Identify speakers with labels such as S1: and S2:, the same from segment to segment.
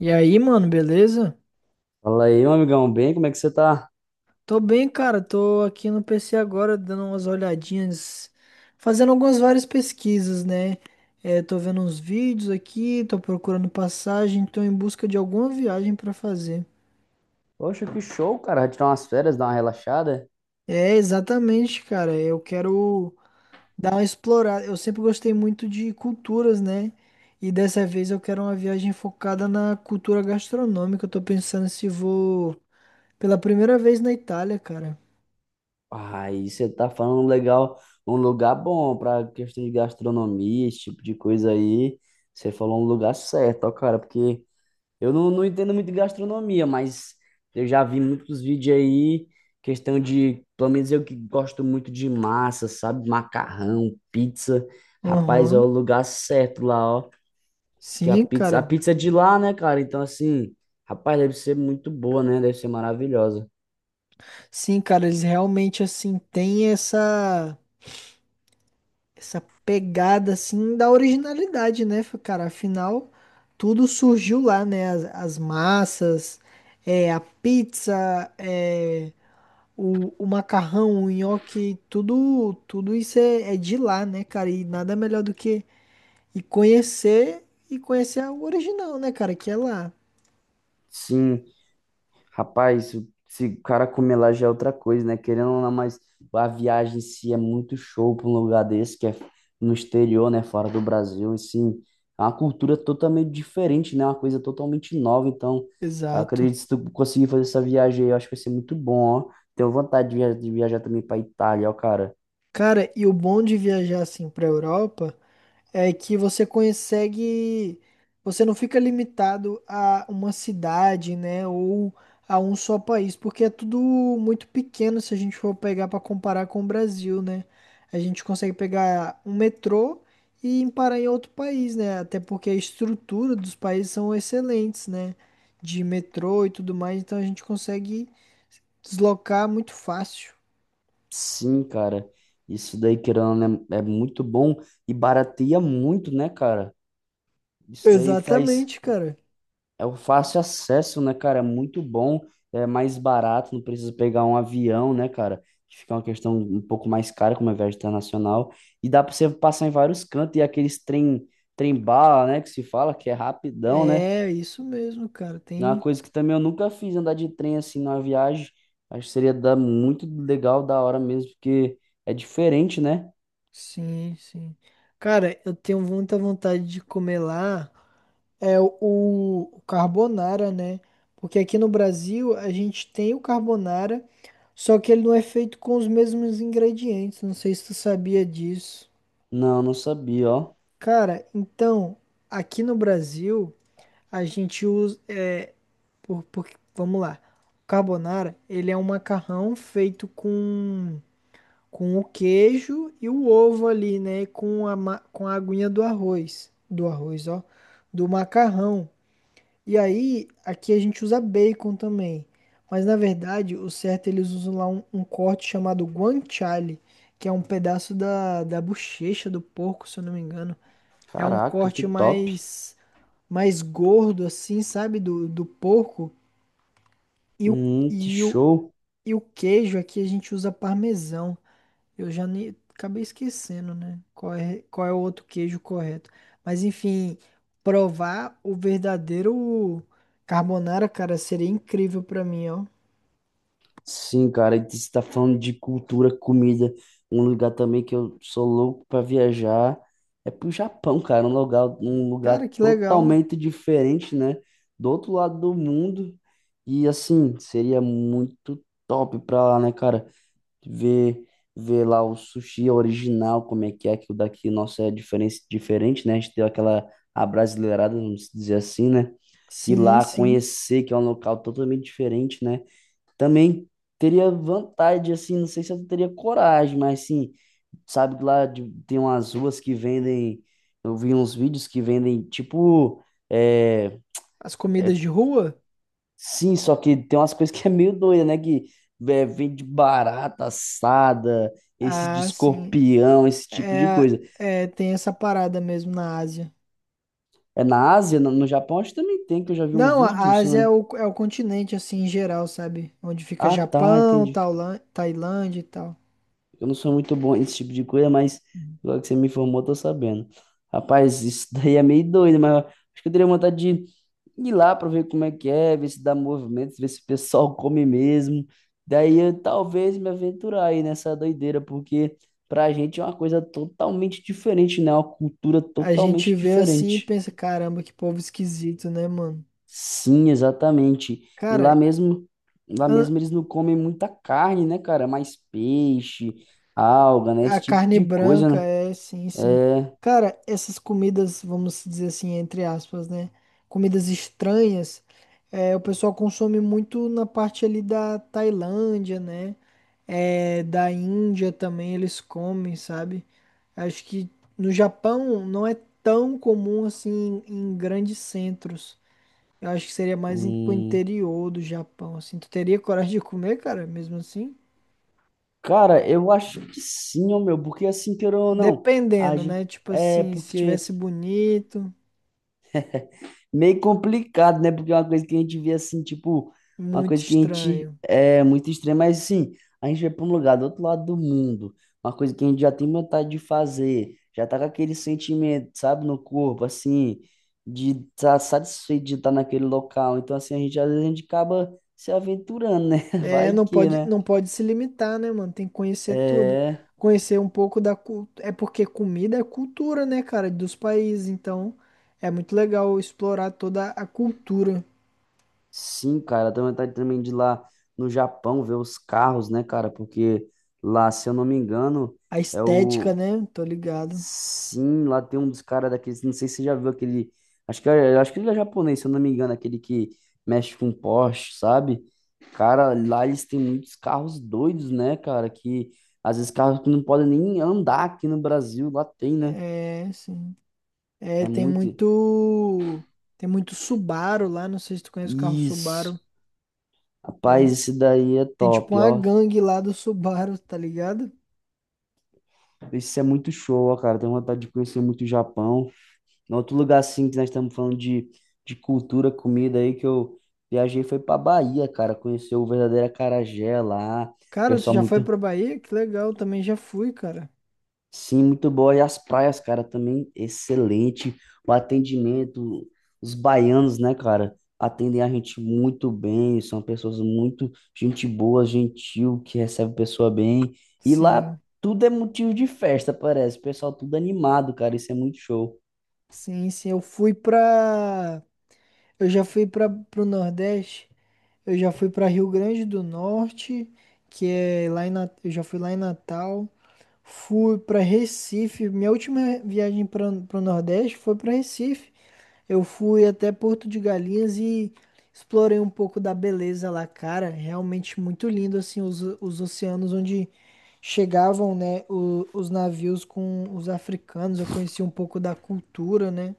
S1: E aí, mano, beleza?
S2: Fala aí, meu amigão, bem? Como é que você tá?
S1: Tô bem, cara. Tô aqui no PC agora dando umas olhadinhas, fazendo algumas várias pesquisas, né? Tô vendo uns vídeos aqui, tô procurando passagem, tô em busca de alguma viagem pra fazer.
S2: Poxa, que show, cara. Vai tirar umas férias, dar uma relaxada?
S1: É, exatamente, cara. Eu quero dar uma explorada. Eu sempre gostei muito de culturas, né? E dessa vez eu quero uma viagem focada na cultura gastronômica. Eu tô pensando se vou pela primeira vez na Itália, cara.
S2: Aí você tá falando legal, um lugar bom pra questão de gastronomia, esse tipo de coisa aí. Você falou um lugar certo, ó, cara, porque eu não entendo muito de gastronomia, mas eu já vi muitos vídeos aí, questão de, pelo menos eu que gosto muito de massa, sabe? Macarrão, pizza. Rapaz, é
S1: Aham.
S2: o lugar certo lá, ó. Diz que a
S1: Sim,
S2: pizza, a
S1: cara.
S2: pizza é de lá, né, cara? Então, assim, rapaz, deve ser muito boa, né? Deve ser maravilhosa.
S1: Sim, cara, eles realmente assim têm essa pegada assim da originalidade, né, cara? Afinal, tudo surgiu lá, né? As massas, a pizza, é, o macarrão, o nhoque, tudo isso é de lá, né, cara? E nada melhor do que e conhecer e conhecer o original, né, cara? Que é lá.
S2: Sim, rapaz, se o cara comer lá já é outra coisa, né? Querendo ou não, mas a viagem em si é muito show pra um lugar desse, que é no exterior, né? Fora do Brasil, assim. É uma cultura totalmente diferente, né? Uma coisa totalmente nova. Então, eu
S1: Exato.
S2: acredito que se tu conseguir fazer essa viagem aí, eu acho que vai ser muito bom, ó. Tenho vontade de viajar, também pra Itália, ó, cara.
S1: Cara, e o bom de viajar assim pra Europa é que você não fica limitado a uma cidade, né, ou a um só país, porque é tudo muito pequeno se a gente for pegar para comparar com o Brasil, né? A gente consegue pegar um metrô e ir parar em outro país, né? Até porque a estrutura dos países são excelentes, né? De metrô e tudo mais, então a gente consegue deslocar muito fácil.
S2: Sim, cara. Isso daí, querendo ou não, é muito bom e barateia muito, né, cara? Isso daí faz.
S1: Exatamente, cara.
S2: É o fácil acesso, né, cara? É muito bom, é mais barato, não precisa pegar um avião, né, cara? Que fica uma questão um pouco mais cara, como é viagem internacional. E dá pra você passar em vários cantos e aqueles trem, trem bala, né, que se fala, que é rapidão, né?
S1: É isso mesmo, cara.
S2: É uma
S1: Tem.
S2: coisa que também eu nunca fiz, andar de trem assim numa viagem. Acho que seria dar muito legal, da hora mesmo, porque é diferente, né?
S1: Sim, sim. Cara, eu tenho muita vontade de comer lá é o, o carbonara, né? Porque aqui no Brasil a gente tem o carbonara, só que ele não é feito com os mesmos ingredientes. Não sei se tu sabia disso.
S2: Não, não sabia, ó.
S1: Cara, então, aqui no Brasil a gente usa por, por- vamos lá. O carbonara, ele é um macarrão feito com o queijo e o ovo ali, né? Com com a aguinha do arroz. Do arroz, ó. Do macarrão. E aí, aqui a gente usa bacon também. Mas na verdade, o certo é eles usam lá um corte chamado guanciale, que é um pedaço da bochecha do porco, se eu não me engano. É um
S2: Caraca, que top.
S1: mais gordo, assim, sabe? Do porco. E o,
S2: Que
S1: e o,
S2: show.
S1: e o queijo aqui a gente usa parmesão. Eu já nem acabei esquecendo, né? Qual é o outro queijo correto? Mas enfim, provar o verdadeiro carbonara, cara, seria incrível pra mim, ó.
S2: Sim, cara, e você está falando de cultura, comida. Um lugar também que eu sou louco para viajar é pro Japão, cara. Um lugar
S1: Cara, que legal.
S2: totalmente diferente, né? Do outro lado do mundo. E assim, seria muito top pra lá, né, cara? Ver, ver lá o sushi original, como é, que o daqui, nosso é diferente, né? A gente deu aquela abrasileirada, vamos dizer assim, né? Ir
S1: Sim,
S2: lá
S1: sim.
S2: conhecer, que é um local totalmente diferente, né? Também teria vontade, assim, não sei se eu teria coragem, mas sim, sabe que tem umas ruas que vendem, eu vi uns vídeos que vendem, tipo, é,
S1: As
S2: é,
S1: comidas de rua?
S2: sim, só que tem umas coisas que é meio doida, né? Que é, vende barata assada, esse de
S1: Ah, sim.
S2: escorpião, esse tipo de
S1: É,
S2: coisa.
S1: tem essa parada mesmo na Ásia.
S2: É na Ásia, no Japão, acho que também tem, que eu já vi um
S1: Não,
S2: vídeo,
S1: a
S2: se eu
S1: Ásia
S2: não...
S1: é o continente, assim, em geral, sabe? Onde fica
S2: Ah, tá,
S1: Japão,
S2: entendi.
S1: Tailândia e tal.
S2: Eu não sou muito bom nesse tipo de coisa, mas agora que você me informou, eu tô sabendo. Rapaz, isso daí é meio doido, mas acho que eu teria vontade de ir lá para ver como é que é, ver se dá movimento, ver se o pessoal come mesmo. Daí eu talvez me aventurar aí nessa doideira, porque pra gente é uma coisa totalmente diferente, né? Uma cultura
S1: A gente
S2: totalmente
S1: vê assim e
S2: diferente.
S1: pensa: caramba, que povo esquisito, né, mano?
S2: Sim, exatamente. E
S1: Cara,
S2: lá
S1: a
S2: mesmo eles não comem muita carne, né, cara? Mais peixe, alga, né?
S1: a
S2: Esse tipo
S1: carne
S2: de coisa,
S1: branca
S2: né?
S1: é, sim, sim.
S2: É,
S1: Cara, essas comidas, vamos dizer assim, entre aspas, né? Comidas estranhas, é, o pessoal consome muito na parte ali da Tailândia, né? É, da Índia também eles comem, sabe? Acho que no Japão não é tão comum assim em grandes centros. Eu acho que seria mais pro
S2: hum,
S1: interior do Japão, assim. Tu teria coragem de comer, cara, mesmo assim?
S2: cara, eu acho que sim, ô meu, porque assim, querendo ou não, a
S1: Dependendo,
S2: gente,
S1: né? Tipo
S2: é
S1: assim, se
S2: porque
S1: tivesse bonito,
S2: meio complicado, né? Porque é uma coisa que a gente vê assim, tipo, uma
S1: muito
S2: coisa que a gente
S1: estranho.
S2: é muito extrema, mas assim, a gente vai para um lugar do outro lado do mundo, uma coisa que a gente já tem vontade de fazer, já tá com aquele sentimento, sabe, no corpo, assim, de estar satisfeito de estar naquele local. Então, assim, a gente às vezes a gente acaba se aventurando, né?
S1: É,
S2: Vai que, né?
S1: não pode se limitar, né, mano? Tem que conhecer tudo.
S2: É.
S1: Conhecer um pouco da cultura. É porque comida é cultura, né, cara, dos países. Então, é muito legal explorar toda a cultura,
S2: Sim, cara, também vontade também de ir lá no Japão ver os carros, né, cara? Porque lá, se eu não me engano,
S1: a
S2: é
S1: estética,
S2: o.
S1: né? Tô ligado.
S2: Sim, lá tem um dos caras daqueles. Não sei se você já viu aquele. Acho que, acho que ele é japonês, se eu não me engano, aquele que mexe com Porsche, sabe? Cara, lá eles têm muitos carros doidos, né, cara? Que às vezes carros que não podem nem andar aqui no Brasil, lá tem, né?
S1: É, sim. É,
S2: É muito.
S1: tem muito Subaru lá. Não sei se tu conhece o carro
S2: Isso.
S1: Subaru.
S2: Rapaz,
S1: Tem,
S2: esse daí é
S1: tem tipo
S2: top,
S1: uma
S2: ó.
S1: gangue lá do Subaru, tá ligado?
S2: Isso é muito show, ó, cara. Tenho vontade de conhecer muito o Japão. Em outro lugar, assim, que nós estamos falando de cultura, comida aí, que eu viajei foi pra Bahia, cara. Conhecer o verdadeiro acarajé lá. O
S1: Cara, tu
S2: pessoal
S1: já foi
S2: muito,
S1: pra Bahia? Que legal, também já fui, cara.
S2: sim, muito boa. E as praias, cara, também excelente. O atendimento, os baianos, né, cara, atendem a gente muito bem. São pessoas muito gente boa, gentil, que recebe a pessoa bem. E lá
S1: Sim,
S2: tudo é motivo de festa, parece. O pessoal tudo animado, cara. Isso é muito show.
S1: sim, sim. Eu já fui pra, pro Nordeste. Eu já fui pra Rio Grande do Norte, que é lá em Eu já fui lá em Natal. Fui para Recife. Minha última viagem para o Nordeste foi para Recife. Eu fui até Porto de Galinhas e explorei um pouco da beleza lá, cara. Realmente muito lindo, assim, os oceanos onde chegavam, né, os navios com os africanos. Eu conheci um pouco da cultura, né?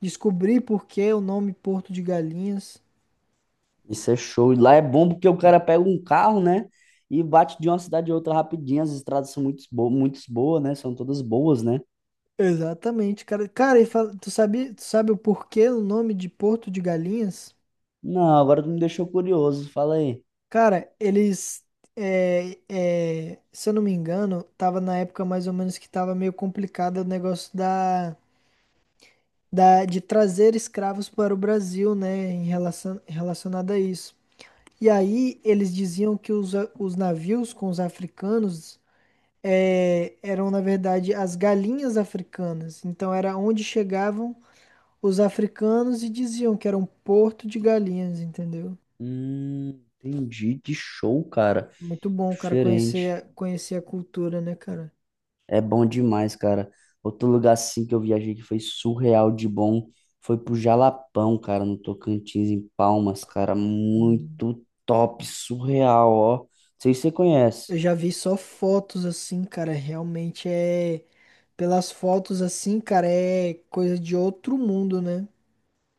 S1: Descobri por que o nome Porto de Galinhas.
S2: Isso é show. E lá é bom porque o cara pega um carro, né, e bate de uma cidade a outra rapidinho. As estradas são muito boas, né? São todas boas, né?
S1: Exatamente, cara. Cara, e tu sabe o porquê o nome de Porto de Galinhas?
S2: Não, agora tu me deixou curioso. Fala aí.
S1: Cara, eles, se eu não me engano, tava na época mais ou menos que tava meio complicado o negócio de trazer escravos para o Brasil, né, em relacionado a isso. E aí eles diziam que os navios com os africanos eram, na verdade, as galinhas africanas. Então era onde chegavam os africanos e diziam que era um porto de galinhas, entendeu?
S2: Entendi. Que show, cara.
S1: Muito bom, cara,
S2: Diferente.
S1: conhecer a cultura, né, cara?
S2: É bom demais, cara. Outro lugar assim que eu viajei que foi surreal de bom foi pro Jalapão, cara, no Tocantins, em Palmas, cara.
S1: Hum.
S2: Muito top, surreal, ó. Não sei se você conhece.
S1: Eu já vi só fotos assim, cara. Realmente é. Pelas fotos assim, cara, é coisa de outro mundo, né?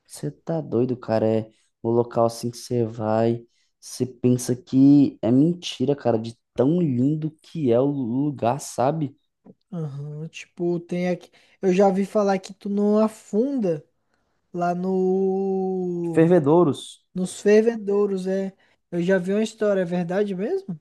S2: Você tá doido, cara. É o local assim que você vai. Você pensa que é mentira, cara, de tão lindo que é o lugar, sabe?
S1: Aham. Tipo, tem aqui. Eu já vi falar que tu não afunda lá no.
S2: Fervedouros.
S1: Nos fervedouros, é. Eu já vi uma história, é verdade mesmo?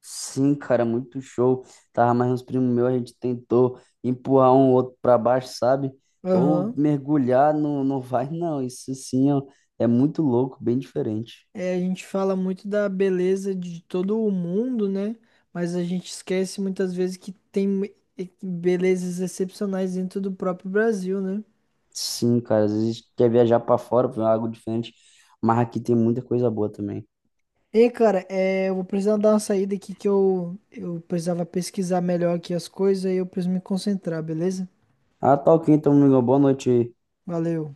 S2: Sim, cara, muito show. Tava mais uns primos meus, a gente tentou empurrar um outro pra baixo, sabe? Ou
S1: Aham.
S2: mergulhar, não, não vai, não. Isso sim, ó, é muito louco, bem diferente.
S1: É, a gente fala muito da beleza de todo o mundo, né? Mas a gente esquece muitas vezes que tem belezas excepcionais dentro do próprio Brasil, né?
S2: Sim, cara, às vezes quer viajar pra fora, pra algo diferente, mas aqui tem muita coisa boa também.
S1: Ei, cara, é, eu vou precisar dar uma saída aqui que eu precisava pesquisar melhor aqui as coisas e eu preciso me concentrar, beleza?
S2: Ah, tá ok, então, amigo, boa noite.
S1: Valeu.